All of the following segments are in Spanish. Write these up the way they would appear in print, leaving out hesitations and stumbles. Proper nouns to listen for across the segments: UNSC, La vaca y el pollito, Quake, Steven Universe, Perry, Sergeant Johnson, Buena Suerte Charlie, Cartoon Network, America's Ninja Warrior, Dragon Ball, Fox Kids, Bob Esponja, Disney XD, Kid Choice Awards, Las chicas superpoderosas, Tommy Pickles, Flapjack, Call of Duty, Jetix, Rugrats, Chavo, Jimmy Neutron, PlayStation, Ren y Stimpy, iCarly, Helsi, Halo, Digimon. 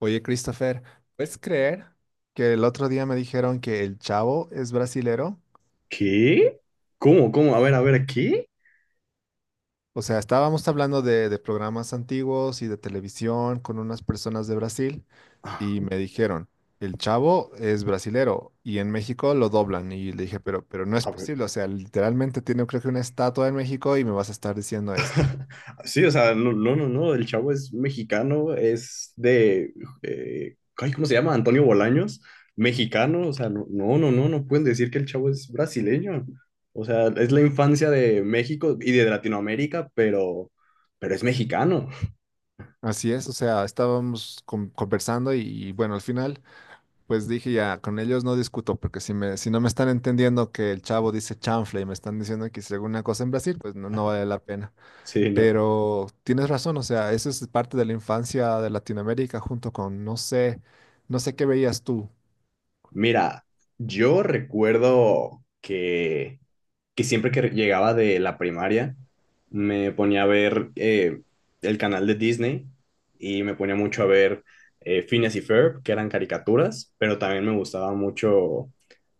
Oye, Christopher, ¿puedes creer que el otro día me dijeron que el Chavo es brasilero? ¿Qué? ¿Cómo? ¿Cómo? A ver, ¿qué? O sea, estábamos hablando de programas antiguos y de televisión con unas personas de Brasil Ah. y me dijeron, el Chavo es brasilero y en México lo doblan. Y le dije, pero no es A ver. posible, o sea, literalmente tiene creo que una estatua en México y me vas a estar diciendo esto. Sí, o sea, no, no, no, no, el chavo es mexicano, es de, ay, ¿cómo se llama? Antonio Bolaños, mexicano, o sea, no, no, no, no, no pueden decir que el chavo es brasileño. O sea, es la infancia de México y de Latinoamérica, pero es mexicano. Así es, o sea, estábamos conversando y bueno, al final pues dije ya, con ellos no discuto, porque si me, si no me están entendiendo que el chavo dice chanfle y me están diciendo que hice alguna cosa en Brasil, pues no, no vale la pena. Sí, no. Pero tienes razón, o sea, eso es parte de la infancia de Latinoamérica junto con, no sé, no sé qué veías tú. Mira, yo recuerdo que siempre que llegaba de la primaria me ponía a ver el canal de Disney y me ponía mucho a ver Phineas y Ferb, que eran caricaturas, pero también me gustaba mucho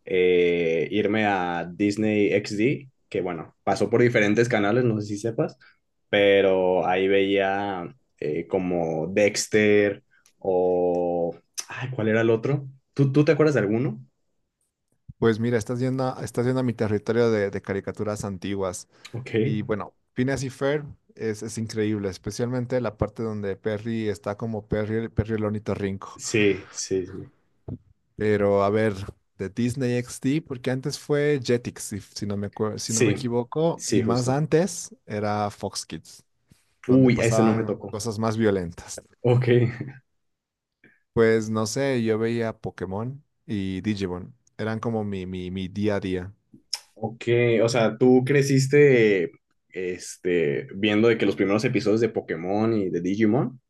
irme a Disney XD, que bueno, pasó por diferentes canales, no sé si sepas, pero ahí veía como Dexter o. Ay, ¿cuál era el otro? ¿Tú te acuerdas de alguno? Pues mira, estás yendo a mi territorio de caricaturas antiguas. Ok, Y bueno, Phineas y Ferb es increíble, especialmente la parte donde Perry está como Perry el ornitorrinco. sí, sí, sí. Pero a ver, de Disney XD, porque antes fue Jetix, si si no me Sí, equivoco, sí, y más justo. antes era Fox Kids, donde Uy, a ese no me pasaban tocó. cosas más violentas. Ok. Pues no sé, yo veía Pokémon y Digimon, eran como mi día a día. Ok. O sea, tú creciste viendo de que los primeros episodios de Pokémon y de Digimon.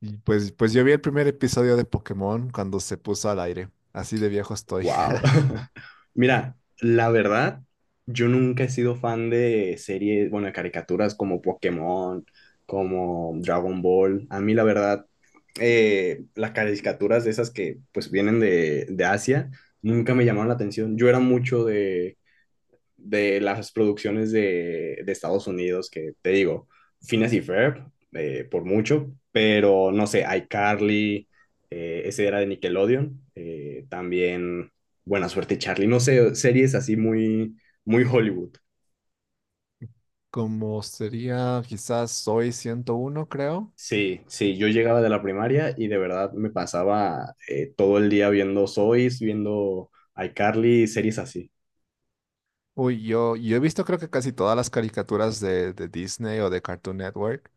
Y pues yo vi el primer episodio de Pokémon cuando se puso al aire, así de viejo estoy. Wow. Mira, la verdad, yo nunca he sido fan de series, bueno, de caricaturas como Pokémon, como Dragon Ball. A mí, la verdad, las caricaturas de esas que pues vienen de Asia nunca me llamaron la atención. Yo era mucho de las producciones de Estados Unidos, que te digo, Finas y Ferb, por mucho, pero no sé, iCarly, ese era de Nickelodeon, también Buena Suerte Charlie, no sé, series así muy, muy Hollywood. Como sería quizás Soy 101 creo. Sí, sí, yo llegaba de la primaria y de verdad me pasaba todo el día viendo Sois, viendo iCarly, series así. Uy, yo he visto creo que casi todas las caricaturas de Disney o de Cartoon Network,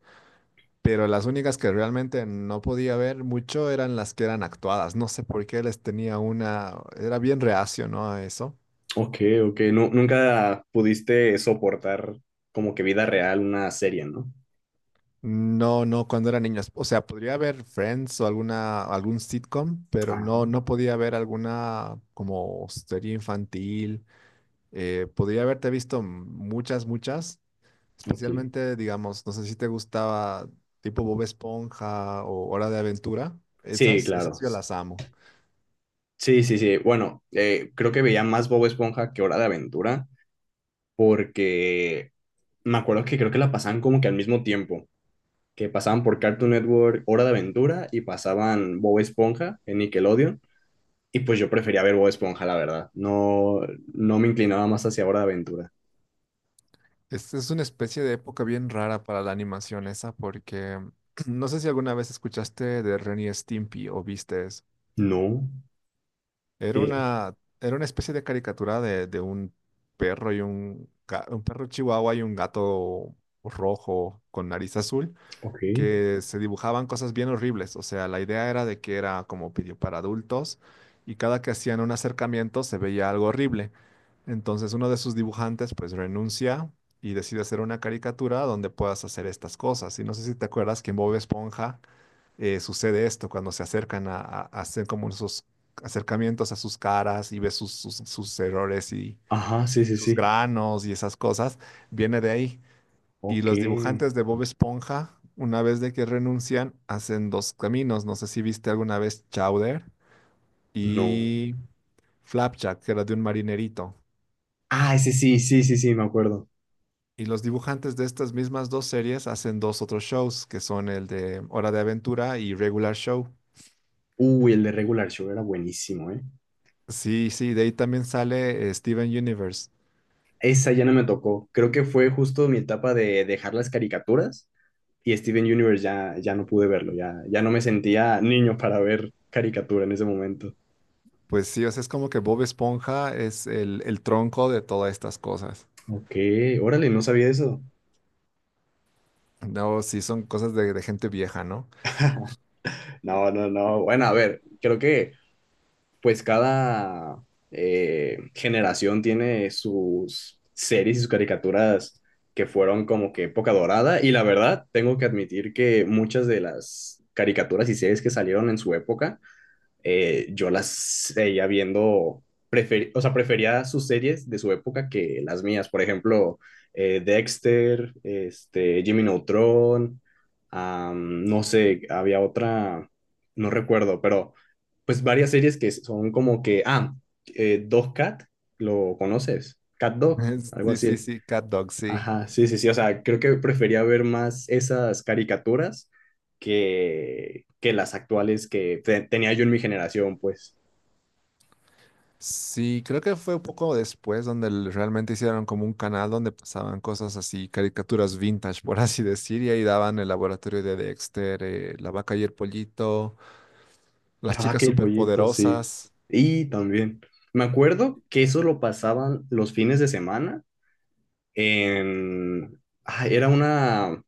pero las únicas que realmente no podía ver mucho eran las que eran actuadas. No sé por qué les tenía una, era bien reacio, ¿no? A eso. Ok, ok, nunca pudiste soportar como que vida real una serie, ¿no? No, no, cuando era niño. O sea, podría ver Friends o alguna, algún sitcom, pero Ah. No podía ver alguna como serie infantil. Podría haberte visto muchas, muchas. Ok. Especialmente, digamos, no sé si te gustaba tipo Bob Esponja o Hora de Aventura. Sí, Esas, claro. esas yo las amo. Sí, sí, sí. Bueno, creo que veía más Bob Esponja que Hora de Aventura, porque me acuerdo que creo que la pasaban como que al mismo tiempo, que pasaban por Cartoon Network Hora de Aventura y pasaban Bob Esponja en Nickelodeon, y pues yo prefería ver Bob Esponja, la verdad. No, no me inclinaba más hacia Hora de Aventura. Es una especie de época bien rara para la animación esa porque no sé si alguna vez escuchaste de Ren y Stimpy o viste eso. No, ¿qué era? Era una especie de caricatura de un perro y un, un perro chihuahua y un gato rojo con nariz azul, Ok. que se dibujaban cosas bien horribles. O sea, la idea era de que era como video para adultos y cada que hacían un acercamiento se veía algo horrible. Entonces uno de sus dibujantes pues renuncia y decide hacer una caricatura donde puedas hacer estas cosas. Y no sé si te acuerdas que en Bob Esponja sucede esto cuando se acercan a hacer como esos acercamientos a sus caras y ves sus errores Ajá, sí, y sí, sus sí. granos y esas cosas. Viene de ahí. Y Ok. los dibujantes de Bob Esponja, una vez de que renuncian, hacen dos caminos. No sé si viste alguna vez Chowder No. y Flapjack, que era de un marinerito. Ah, ese sí, sí, sí, sí, me acuerdo. Y los dibujantes de estas mismas dos series hacen dos otros shows, que son el de Hora de Aventura y Regular Show. Uy, el de Regular Show era buenísimo, ¿eh? Sí, sí, de ahí también sale Steven Universe. Esa ya no me tocó. Creo que fue justo mi etapa de dejar las caricaturas y Steven Universe ya, ya no pude verlo, ya, ya no me sentía niño para ver caricatura en ese momento. Pues sí, o sea, es como que Bob Esponja es el tronco de todas estas cosas. Ok, órale, no sabía eso. No, sí, son cosas de gente vieja, ¿no? No, no, no. Bueno, a ver, creo que pues cada generación tiene sus series y sus caricaturas que fueron como que época dorada y la verdad tengo que admitir que muchas de las caricaturas y series que salieron en su época yo las seguía viendo, o sea, prefería sus series de su época que las mías. Por ejemplo, Dexter, Jimmy Neutron, no sé, había otra, no recuerdo, pero pues varias series que son como que, Dog Cat, ¿lo conoces? Cat Dog, algo Sí, sí, así. sí, Cat Dog, sí. Ajá, sí, sí, sí, o sea, creo que prefería ver más esas caricaturas que las actuales que tenía yo en mi generación, pues. Sí, creo que fue un poco después donde realmente hicieron como un canal donde pasaban cosas así, caricaturas vintage, por así decir, y ahí daban el laboratorio de Dexter, la vaca y el pollito, La las chicas vaca y el pollito, sí. superpoderosas. Y también, me acuerdo que eso lo pasaban los fines de semana en. Ah, era una.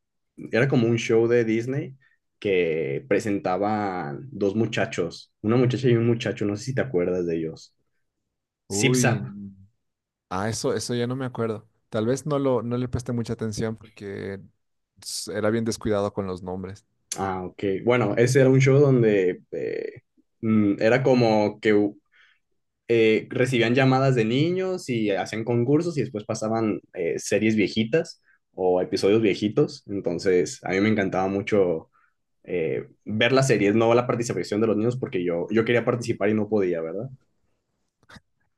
Era como un show de Disney que presentaban dos muchachos, una muchacha y un muchacho, no sé si te acuerdas de ellos. Zip Uy, Zap. ah, eso ya no me acuerdo. Tal vez no le presté mucha atención porque era bien descuidado con los nombres. Ah, ok. Bueno, ese era un show donde era como que recibían llamadas de niños y hacían concursos y después pasaban series viejitas o episodios viejitos. Entonces, a mí me encantaba mucho ver las series, no la participación de los niños porque yo quería participar y no podía, ¿verdad?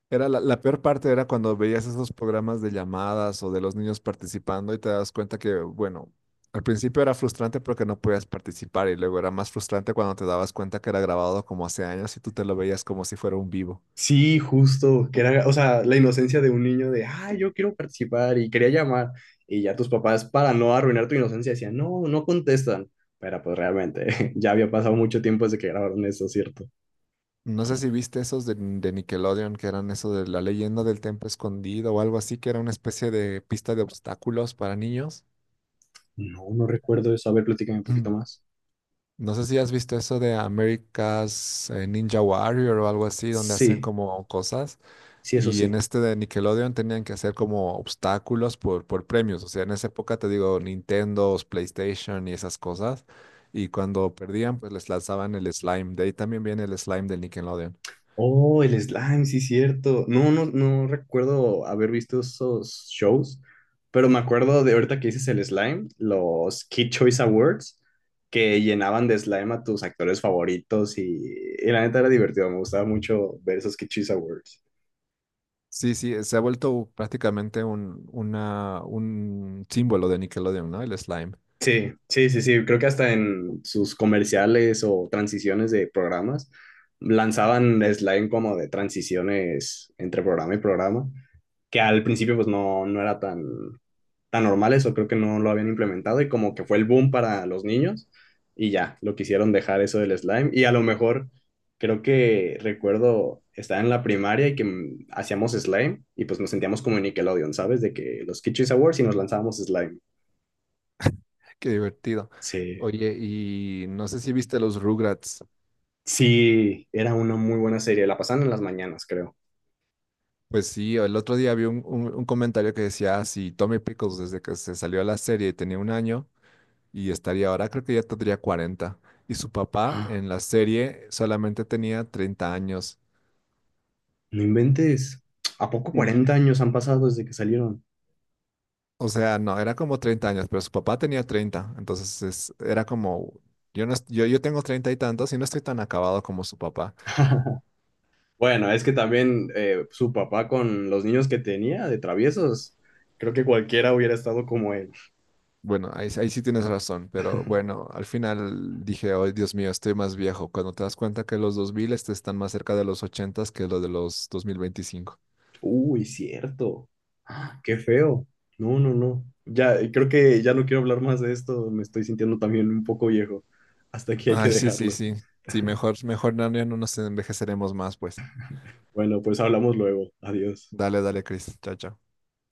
Era la peor parte era cuando veías esos programas de llamadas o de los niños participando y te das cuenta que, bueno, al principio era frustrante porque no podías participar y luego era más frustrante cuando te dabas cuenta que era grabado como hace años y tú te lo veías como si fuera un vivo. Sí, justo, que era, o sea, la inocencia de un niño de, ah, yo quiero participar y quería llamar. Y ya tus papás, para no arruinar tu inocencia, decían, no, no contestan. Pero pues realmente, ya había pasado mucho tiempo desde que grabaron eso, ¿cierto? No sé si viste esos de Nickelodeon que eran eso de la leyenda del templo escondido o algo así, que era una especie de pista de obstáculos para niños. No, no recuerdo eso. A ver, platícame un poquito más. No sé si has visto eso de America's Ninja Warrior o algo así, donde hacen Sí, como cosas. sí, eso Y en sí. este de Nickelodeon tenían que hacer como obstáculos por premios. O sea, en esa época te digo Nintendo, PlayStation y esas cosas. Y cuando perdían, pues les lanzaban el slime. De ahí también viene el slime del Nickelodeon. Oh, el slime, sí, cierto. No, no, no recuerdo haber visto esos shows, pero me acuerdo de ahorita que dices el slime, los Kid Choice Awards, que llenaban de slime a tus actores favoritos y la neta era divertido. Me gustaba mucho ver esos Kid Choice Awards. Sí, sí, se ha vuelto prácticamente un símbolo de Nickelodeon, ¿no? El slime. Sí, sí, sí, sí. Creo que hasta en sus comerciales o transiciones de programas lanzaban slime como de transiciones entre programa y programa, que al principio pues no, no era tan tan normales o creo que no lo habían implementado y como que fue el boom para los niños y ya, lo quisieron dejar eso del slime y a lo mejor creo que recuerdo estar en la primaria y que hacíamos slime y pues nos sentíamos como en Nickelodeon, ¿sabes? De que los Kitchen Awards y nos lanzábamos slime. Qué divertido. Sí. Oye, y no sé si viste los Rugrats. Sí, era una muy buena serie, la pasaban en las mañanas, creo. Pues sí, el otro día vi un comentario que decía, si Tommy Pickles desde que se salió a la serie tenía 1 año y estaría ahora, creo que ya tendría 40. Y su papá ¡Ah! en la serie solamente tenía 30 años. No inventes. ¿A poco Y 40 dije, años han pasado desde que salieron? o sea, no, era como 30 años, pero su papá tenía 30. Entonces era como, yo, no, yo tengo 30 y tantos y no estoy tan acabado como su papá. Bueno, es que también su papá con los niños que tenía de traviesos, creo que cualquiera hubiera estado como él. Bueno, ahí sí tienes razón, pero bueno, al final dije, oh, Dios mío, estoy más viejo. Cuando te das cuenta que los 2000 este, están más cerca de los 80 que lo de los 2025. Uy, cierto. Ah, qué feo. No, no, no. Ya, creo que ya no quiero hablar más de esto. Me estoy sintiendo también un poco viejo. Hasta aquí hay que Ay, sí, sí, dejarlo. sí. Sí, mejor no, ya no nos envejeceremos más, pues. Bueno, pues hablamos luego. Adiós. Dale, dale, Chris. Chao, chao.